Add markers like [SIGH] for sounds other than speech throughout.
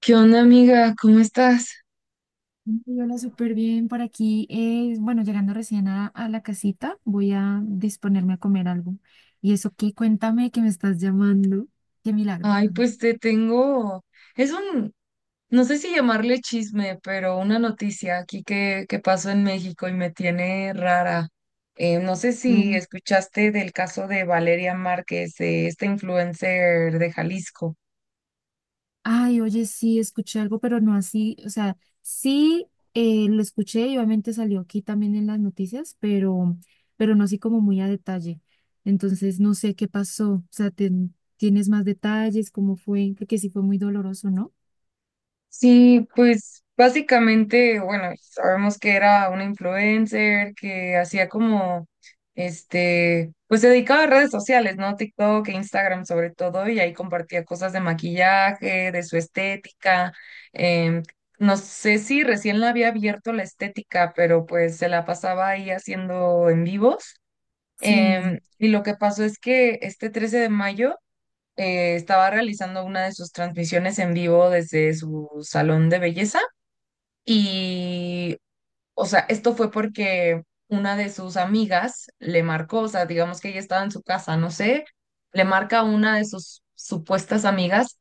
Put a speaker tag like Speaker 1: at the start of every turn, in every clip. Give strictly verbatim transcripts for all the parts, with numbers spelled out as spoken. Speaker 1: ¿Qué onda, amiga? ¿Cómo estás?
Speaker 2: Y hola, súper bien por aquí. eh, bueno, llegando recién a, a la casita, voy a disponerme a comer algo. ¿Y eso qué? Cuéntame que me estás llamando. Qué milagro.
Speaker 1: Ay,
Speaker 2: [LAUGHS]
Speaker 1: pues te tengo. Es un, no sé si llamarle chisme, pero una noticia aquí que, que pasó en México y me tiene rara. Eh, no sé si
Speaker 2: Mm.
Speaker 1: escuchaste del caso de Valeria Márquez, eh, esta influencer de Jalisco.
Speaker 2: Ay, oye, sí, escuché algo, pero no así. O sea, sí, eh, lo escuché y obviamente salió aquí también en las noticias, pero, pero no así como muy a detalle. Entonces, no sé qué pasó. O sea, ten- ¿tienes más detalles? ¿Cómo fue? Porque sí fue muy doloroso, ¿no?
Speaker 1: Sí, pues básicamente, bueno, sabemos que era una influencer que hacía como, este, pues se dedicaba a redes sociales, ¿no? TikTok e Instagram sobre todo, y ahí compartía cosas de maquillaje, de su estética. em, no sé si recién la había abierto la estética, pero pues se la pasaba ahí haciendo en vivos. Em,
Speaker 2: Sí.
Speaker 1: y lo que pasó es que este trece de mayo eh, estaba realizando una de sus transmisiones en vivo desde su salón de belleza y, o sea, esto fue porque una de sus amigas le marcó, o sea, digamos que ella estaba en su casa, no sé, le marca a una de sus supuestas amigas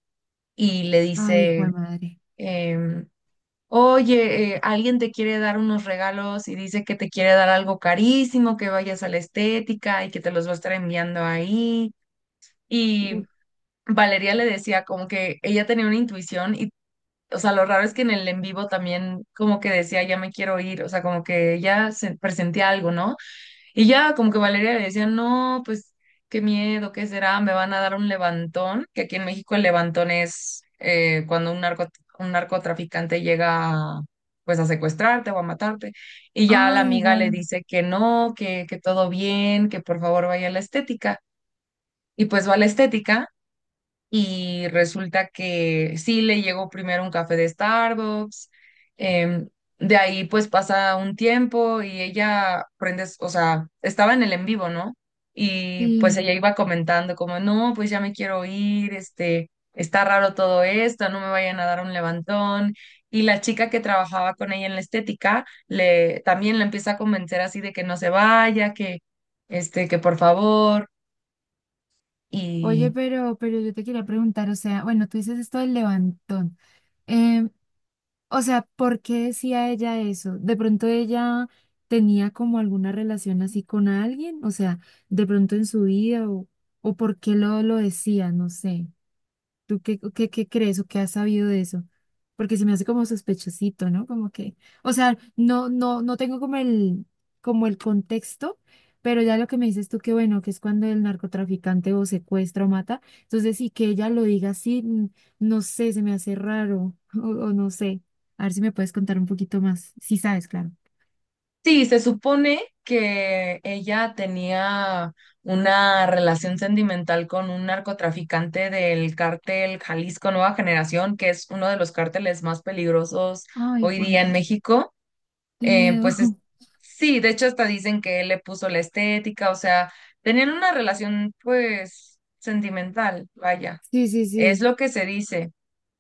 Speaker 1: y le
Speaker 2: Ay, jue
Speaker 1: dice,
Speaker 2: madre.
Speaker 1: em, oye, eh, alguien te quiere dar unos regalos y dice que te quiere dar algo carísimo, que vayas a la estética y que te los va a estar enviando ahí. Y Valeria le decía como que ella tenía una intuición y, o sea, lo raro es que en el en vivo también como que decía, ya me quiero ir, o sea, como que ella se presentía algo, ¿no? Y ya como que Valeria le decía, no, pues qué miedo, ¿qué será? Me van a dar un levantón, que aquí en México el levantón es eh, cuando un narco, un narcotraficante llega a, pues a secuestrarte o a matarte. Y ya la
Speaker 2: Ah,
Speaker 1: amiga le
Speaker 2: igual,
Speaker 1: dice que no, que, que todo bien, que por favor vaya a la estética. Y pues va a la estética y resulta que sí le llegó primero un café de Starbucks, em, de ahí pues pasa un tiempo y ella prende, o sea, estaba en el en vivo, ¿no? Y pues
Speaker 2: sí.
Speaker 1: ella iba comentando como, no, pues ya me quiero ir, este, está raro todo esto, no me vayan a dar un levantón. Y la chica que trabajaba con ella en la estética le también la empieza a convencer así de que no se vaya, que este, que por favor.
Speaker 2: Oye,
Speaker 1: y
Speaker 2: pero, pero yo te quería preguntar, o sea, bueno, tú dices esto del levantón. Em, o sea, ¿por qué decía ella eso? ¿De pronto ella tenía como alguna relación así con alguien? O sea, de pronto en su vida o, o por qué lo, lo decía, no sé. ¿Tú qué, qué, qué crees o qué has sabido de eso? Porque se me hace como sospechosito, ¿no? Como que, o sea, no, no, no tengo como el, como el contexto, pero ya lo que me dices tú, que bueno, que es cuando el narcotraficante o secuestra o mata, entonces sí que ella lo diga así, mm, no sé, se me hace raro, [LAUGHS] o, o no sé. A ver si me puedes contar un poquito más, si sabes, claro.
Speaker 1: Sí, se supone que ella tenía una relación sentimental con un narcotraficante del cártel Jalisco Nueva Generación, que es uno de los cárteles más peligrosos
Speaker 2: Ay,
Speaker 1: hoy
Speaker 2: hijo de
Speaker 1: día en
Speaker 2: madre,
Speaker 1: México.
Speaker 2: qué
Speaker 1: Eh,
Speaker 2: miedo.
Speaker 1: pues es-
Speaker 2: [LAUGHS]
Speaker 1: sí, de hecho hasta dicen que él le puso la estética, o sea, tenían una relación pues sentimental, vaya,
Speaker 2: Sí, sí,
Speaker 1: es
Speaker 2: sí.
Speaker 1: lo que se dice.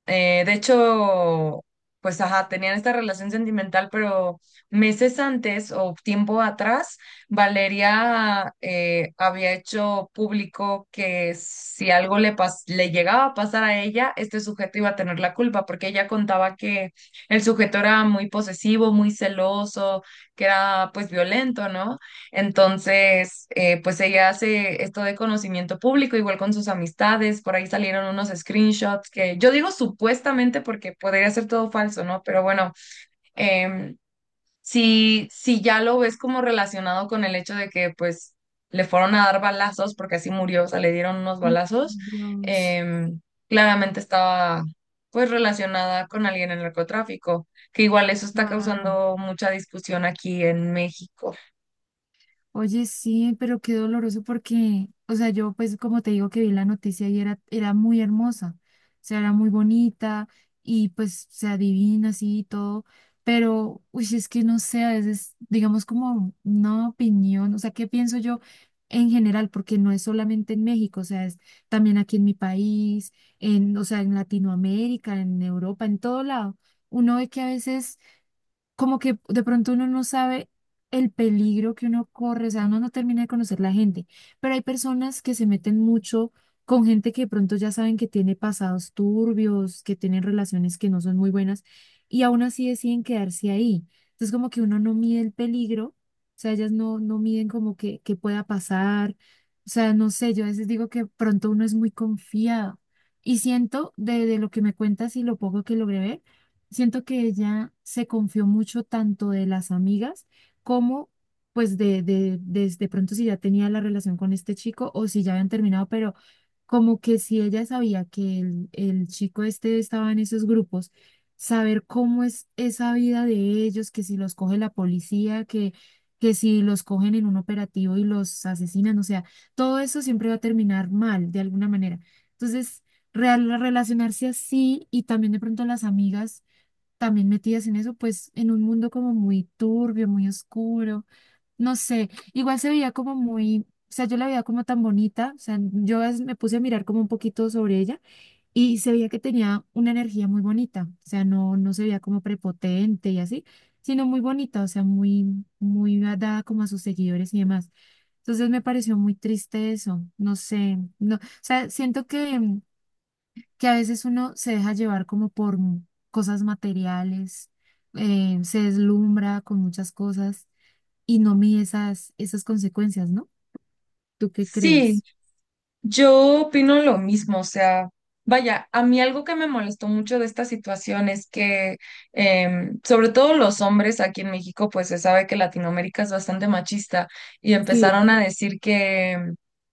Speaker 1: Eh, de hecho, pues ajá, tenían esta relación sentimental, pero meses antes o tiempo atrás, Valeria eh, había hecho público que si algo le, pas- le llegaba a pasar a ella, este sujeto iba a tener la culpa, porque ella contaba que el sujeto era muy posesivo, muy celoso, que era pues violento, ¿no? Entonces, eh, pues ella hace esto de conocimiento público, igual con sus amistades, por ahí salieron unos screenshots que yo digo supuestamente porque podría ser todo falso, ¿no? Pero bueno, em, si, si ya lo ves como relacionado con el hecho de que pues le fueron a dar balazos, porque así murió, o sea, le dieron unos
Speaker 2: Oh,
Speaker 1: balazos,
Speaker 2: Dios,
Speaker 1: em, claramente estaba pues relacionada con alguien en el narcotráfico, que igual eso está
Speaker 2: claro.
Speaker 1: causando mucha discusión aquí en México.
Speaker 2: Oye, sí, pero qué doloroso porque, o sea, yo pues como te digo que vi la noticia y era, era muy hermosa, o sea, era muy bonita y pues se adivina así y todo, pero, uy, es que no sé, a veces digamos como una opinión, o sea, ¿qué pienso yo en general? Porque no es solamente en México, o sea, es también aquí en mi país, en, o sea, en Latinoamérica, en Europa, en todo lado. Uno ve que a veces como que de pronto uno no sabe el peligro que uno corre, o sea, uno no termina de conocer la gente, pero hay personas que se meten mucho con gente que de pronto ya saben que tiene pasados turbios, que tienen relaciones que no son muy buenas y aún así deciden quedarse ahí. Entonces como que uno no mide el peligro, o sea, ellas no, no miden como que, que pueda pasar, o sea, no sé, yo a veces digo que pronto uno es muy confiado. Y siento de, de lo que me cuentas y lo poco que logré ver, Siento que ella se confió mucho tanto de las amigas como pues de, de, de, de pronto si ya tenía la relación con este chico o si ya habían terminado, pero como que si ella sabía que el, el chico este estaba en esos grupos, saber cómo es esa vida de ellos, que si los coge la policía, que, que si los cogen en un operativo y los asesinan, o sea, todo eso siempre va a terminar mal de alguna manera. Entonces, real, relacionarse así y también de pronto las amigas también metidas en eso, pues en un mundo como muy turbio, muy oscuro, no sé, igual se veía como muy, o sea, yo la veía como tan bonita, o sea, yo a me puse a mirar como un poquito sobre ella y se veía que tenía una energía muy bonita, o sea, no, no se veía como prepotente y así, sino muy bonita, o sea, muy, muy dada como a sus seguidores y demás. Entonces me pareció muy triste eso, no sé, no, o sea, siento que que a veces uno se deja llevar como por mu- cosas materiales, eh, se deslumbra con muchas cosas y no mide esas, esas consecuencias, ¿no? ¿Tú qué
Speaker 1: Sí,
Speaker 2: crees?
Speaker 1: yo opino lo mismo, o sea, vaya, a mí algo que me molestó mucho de esta situación es que, em, sobre todo los hombres aquí en México, pues se sabe que Latinoamérica es bastante machista y
Speaker 2: Sí,
Speaker 1: empezaron a decir que,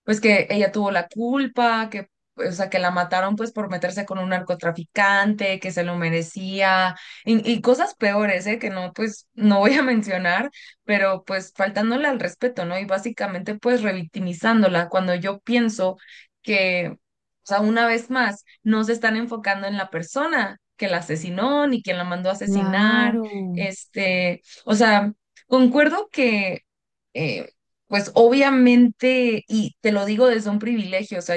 Speaker 1: pues que ella tuvo la culpa, que, o sea, que la mataron pues por meterse con un narcotraficante, que se lo merecía y, y cosas peores, ¿eh? Que no, pues no voy a [LAUGHS] mencionar pero pues faltándole al respeto, ¿no? Y básicamente pues revictimizándola, cuando yo pienso que, o sea, una vez más, no se están enfocando en la persona que la asesinó ni quien la mandó a asesinar.
Speaker 2: claro.
Speaker 1: Este, o sea, concuerdo que, eh, pues obviamente, y te lo digo desde un privilegio, o sea,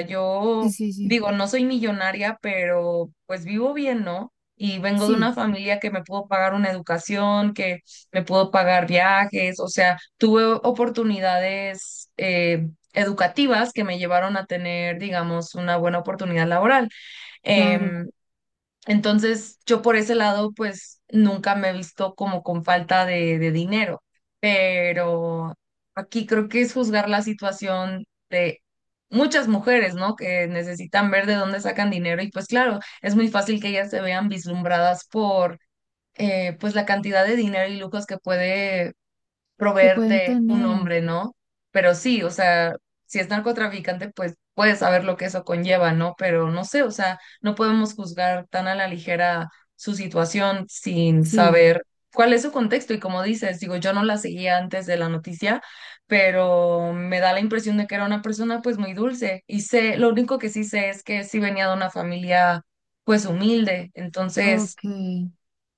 Speaker 2: Sí,
Speaker 1: yo
Speaker 2: sí, sí.
Speaker 1: digo, no soy millonaria, pero pues vivo bien, ¿no? Y vengo de una
Speaker 2: Sí,
Speaker 1: familia que me pudo pagar una educación, que me pudo pagar viajes, o sea, tuve oportunidades, eh, educativas que me llevaron a tener, digamos, una buena oportunidad laboral.
Speaker 2: claro.
Speaker 1: Em, entonces, yo por ese lado, pues nunca me he visto como con falta de, de dinero, pero aquí creo que es juzgar la situación de muchas mujeres, ¿no? Que necesitan ver de dónde sacan dinero y pues claro, es muy fácil que ellas se vean vislumbradas por... eh, pues la cantidad de dinero y lujos que puede
Speaker 2: Que pueden
Speaker 1: proveerte un
Speaker 2: tener.
Speaker 1: hombre, ¿no? Pero sí, o sea, si es narcotraficante, pues puedes saber lo que eso conlleva, ¿no? Pero no sé, o sea, no podemos juzgar tan a la ligera su situación sin
Speaker 2: Sí,
Speaker 1: saber cuál es su contexto. Y como dices, digo, yo no la seguía antes de la noticia, pero me da la impresión de que era una persona pues muy dulce. Y sé, lo único que sí sé es que sí venía de una familia pues humilde. Entonces
Speaker 2: ok.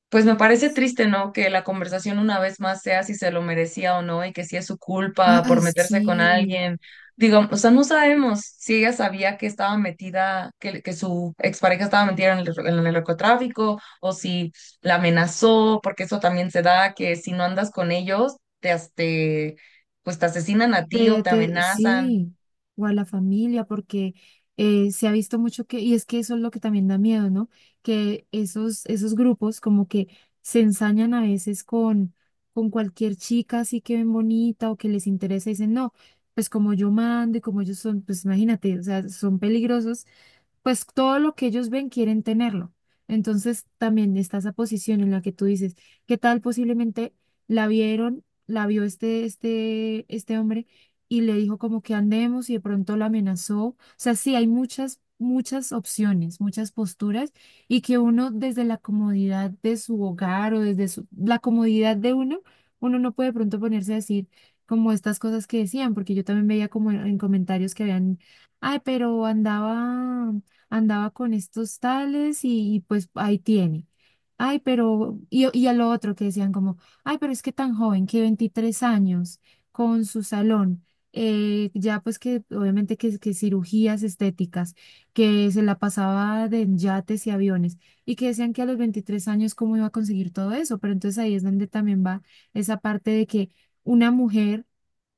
Speaker 1: pues me parece triste, ¿no? Que la conversación una vez más sea si se lo merecía o no y que si es su culpa por
Speaker 2: Ay,
Speaker 1: meterse con
Speaker 2: sí.
Speaker 1: alguien. Digo, o sea, no sabemos si ella sabía que estaba metida, que, que su expareja estaba metida en el, en el narcotráfico o si la amenazó, porque eso también se da, que si no andas con ellos, te, as- te, pues te asesinan a ti o
Speaker 2: Te,
Speaker 1: te
Speaker 2: te-
Speaker 1: amenazan.
Speaker 2: sí, o a la familia, porque eh, se ha visto mucho que, y es que eso es lo que también da miedo, ¿no? Que esos, esos grupos como que se ensañan a veces con, con cualquier chica así que ven bonita o que les interesa y dicen, no, pues como yo mando y como ellos son, pues imagínate, o sea, son peligrosos pues todo lo que ellos ven quieren tenerlo. Entonces también está esa posición en la que tú dices, ¿qué tal posiblemente la vieron, la vio este, este, este hombre y le dijo como que andemos y de pronto la amenazó? O sea, sí, hay muchas, muchas opciones, muchas posturas y que uno desde la comodidad de su hogar o desde su- la comodidad de uno, uno no puede de pronto ponerse a decir como estas cosas que decían, porque yo también veía como en en comentarios que habían. Ay, pero andaba andaba con estos tales y, y pues ahí tiene. Ay, pero, y, y a lo otro que decían como, ay, pero es que tan joven, que veintitrés años, con su salón, eh, ya pues que obviamente que, que cirugías estéticas, que se la pasaba de en yates y aviones, y que decían que a los veintitrés años cómo iba a conseguir todo eso, pero entonces ahí es donde también va esa parte de que una mujer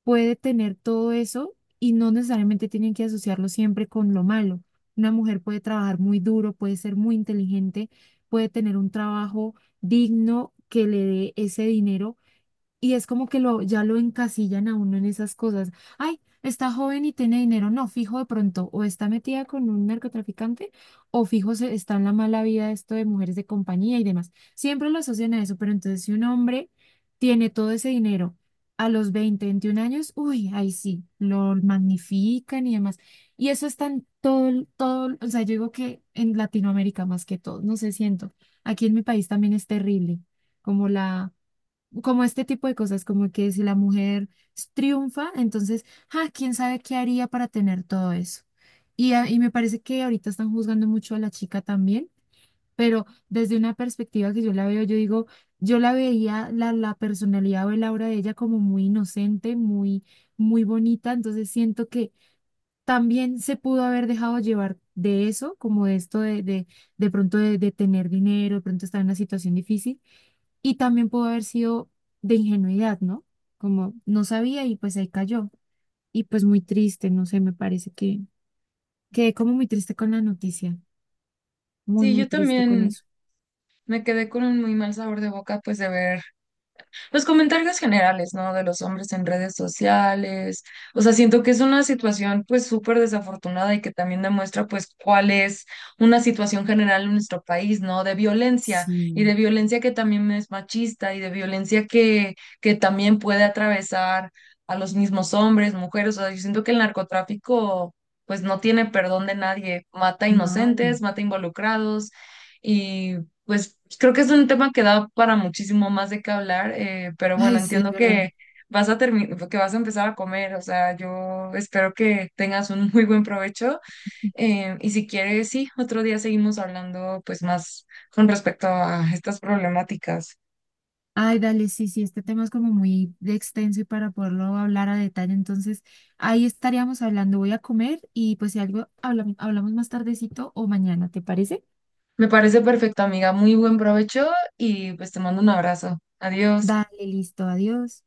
Speaker 2: puede tener todo eso y no necesariamente tienen que asociarlo siempre con lo malo. Una mujer puede trabajar muy duro, puede ser muy inteligente, puede tener un trabajo digno que le dé ese dinero y es como que lo, ya lo encasillan a uno en esas cosas. Ay, está joven y tiene dinero. No, fijo de pronto, o está metida con un narcotraficante, o fijo se, está en la mala vida esto de mujeres de compañía y demás. Siempre lo asocian a eso, pero entonces si un hombre tiene todo ese dinero a los veinte veintiún años, uy, ahí sí, lo magnifican y demás. Y eso está en todo, el- todo, el- o sea, yo digo que en Latinoamérica más que todo, no sé, siento. Aquí en mi país también es terrible, como la como este tipo de cosas, como que si la mujer triunfa, entonces, ah, quién sabe qué haría para tener todo eso. Y, a- y me parece que ahorita están juzgando mucho a la chica también, pero desde una perspectiva que yo la veo, yo digo, yo la veía, la, la personalidad o el aura de ella como muy inocente, muy, muy bonita, entonces siento que también se pudo haber dejado llevar de eso, como de esto de, de, de pronto de, de tener dinero, de pronto estar en una situación difícil y también pudo haber sido de ingenuidad, ¿no? Como no sabía y pues ahí cayó. Y pues muy triste, no sé, me parece que quedé como muy triste con la noticia. Muy,
Speaker 1: Sí,
Speaker 2: muy
Speaker 1: yo
Speaker 2: triste con
Speaker 1: también
Speaker 2: eso.
Speaker 1: me quedé con un muy mal sabor de boca, pues de ver. Los comentarios generales, ¿no? De los hombres en redes sociales. O sea, siento que es una situación pues súper desafortunada y que también demuestra pues cuál es una situación general en nuestro país, ¿no? De violencia y
Speaker 2: Sí,
Speaker 1: de violencia que también es machista y de violencia que, que también puede atravesar a los mismos hombres, mujeres. O sea, yo siento que el narcotráfico pues no tiene perdón de nadie. Mata inocentes,
Speaker 2: vale.
Speaker 1: mata involucrados. Pues creo que es un tema que da para muchísimo más de qué hablar, eh, pero bueno,
Speaker 2: Ay, sí, es
Speaker 1: entiendo
Speaker 2: verdad.
Speaker 1: que vas a termi- que vas a empezar a comer, o sea, yo espero que tengas un muy buen provecho eh, y si quieres, sí, otro día seguimos hablando pues más con respecto a estas problemáticas.
Speaker 2: Ay, dale, sí, sí, este tema es como muy de extenso y para poderlo hablar a detalle, entonces ahí estaríamos hablando. Voy a comer y pues si algo hablamos, hablamos más tardecito o mañana, ¿te parece?
Speaker 1: Me parece perfecto, amiga, muy buen provecho y pues te mando un abrazo. Adiós.
Speaker 2: Dale, listo, adiós.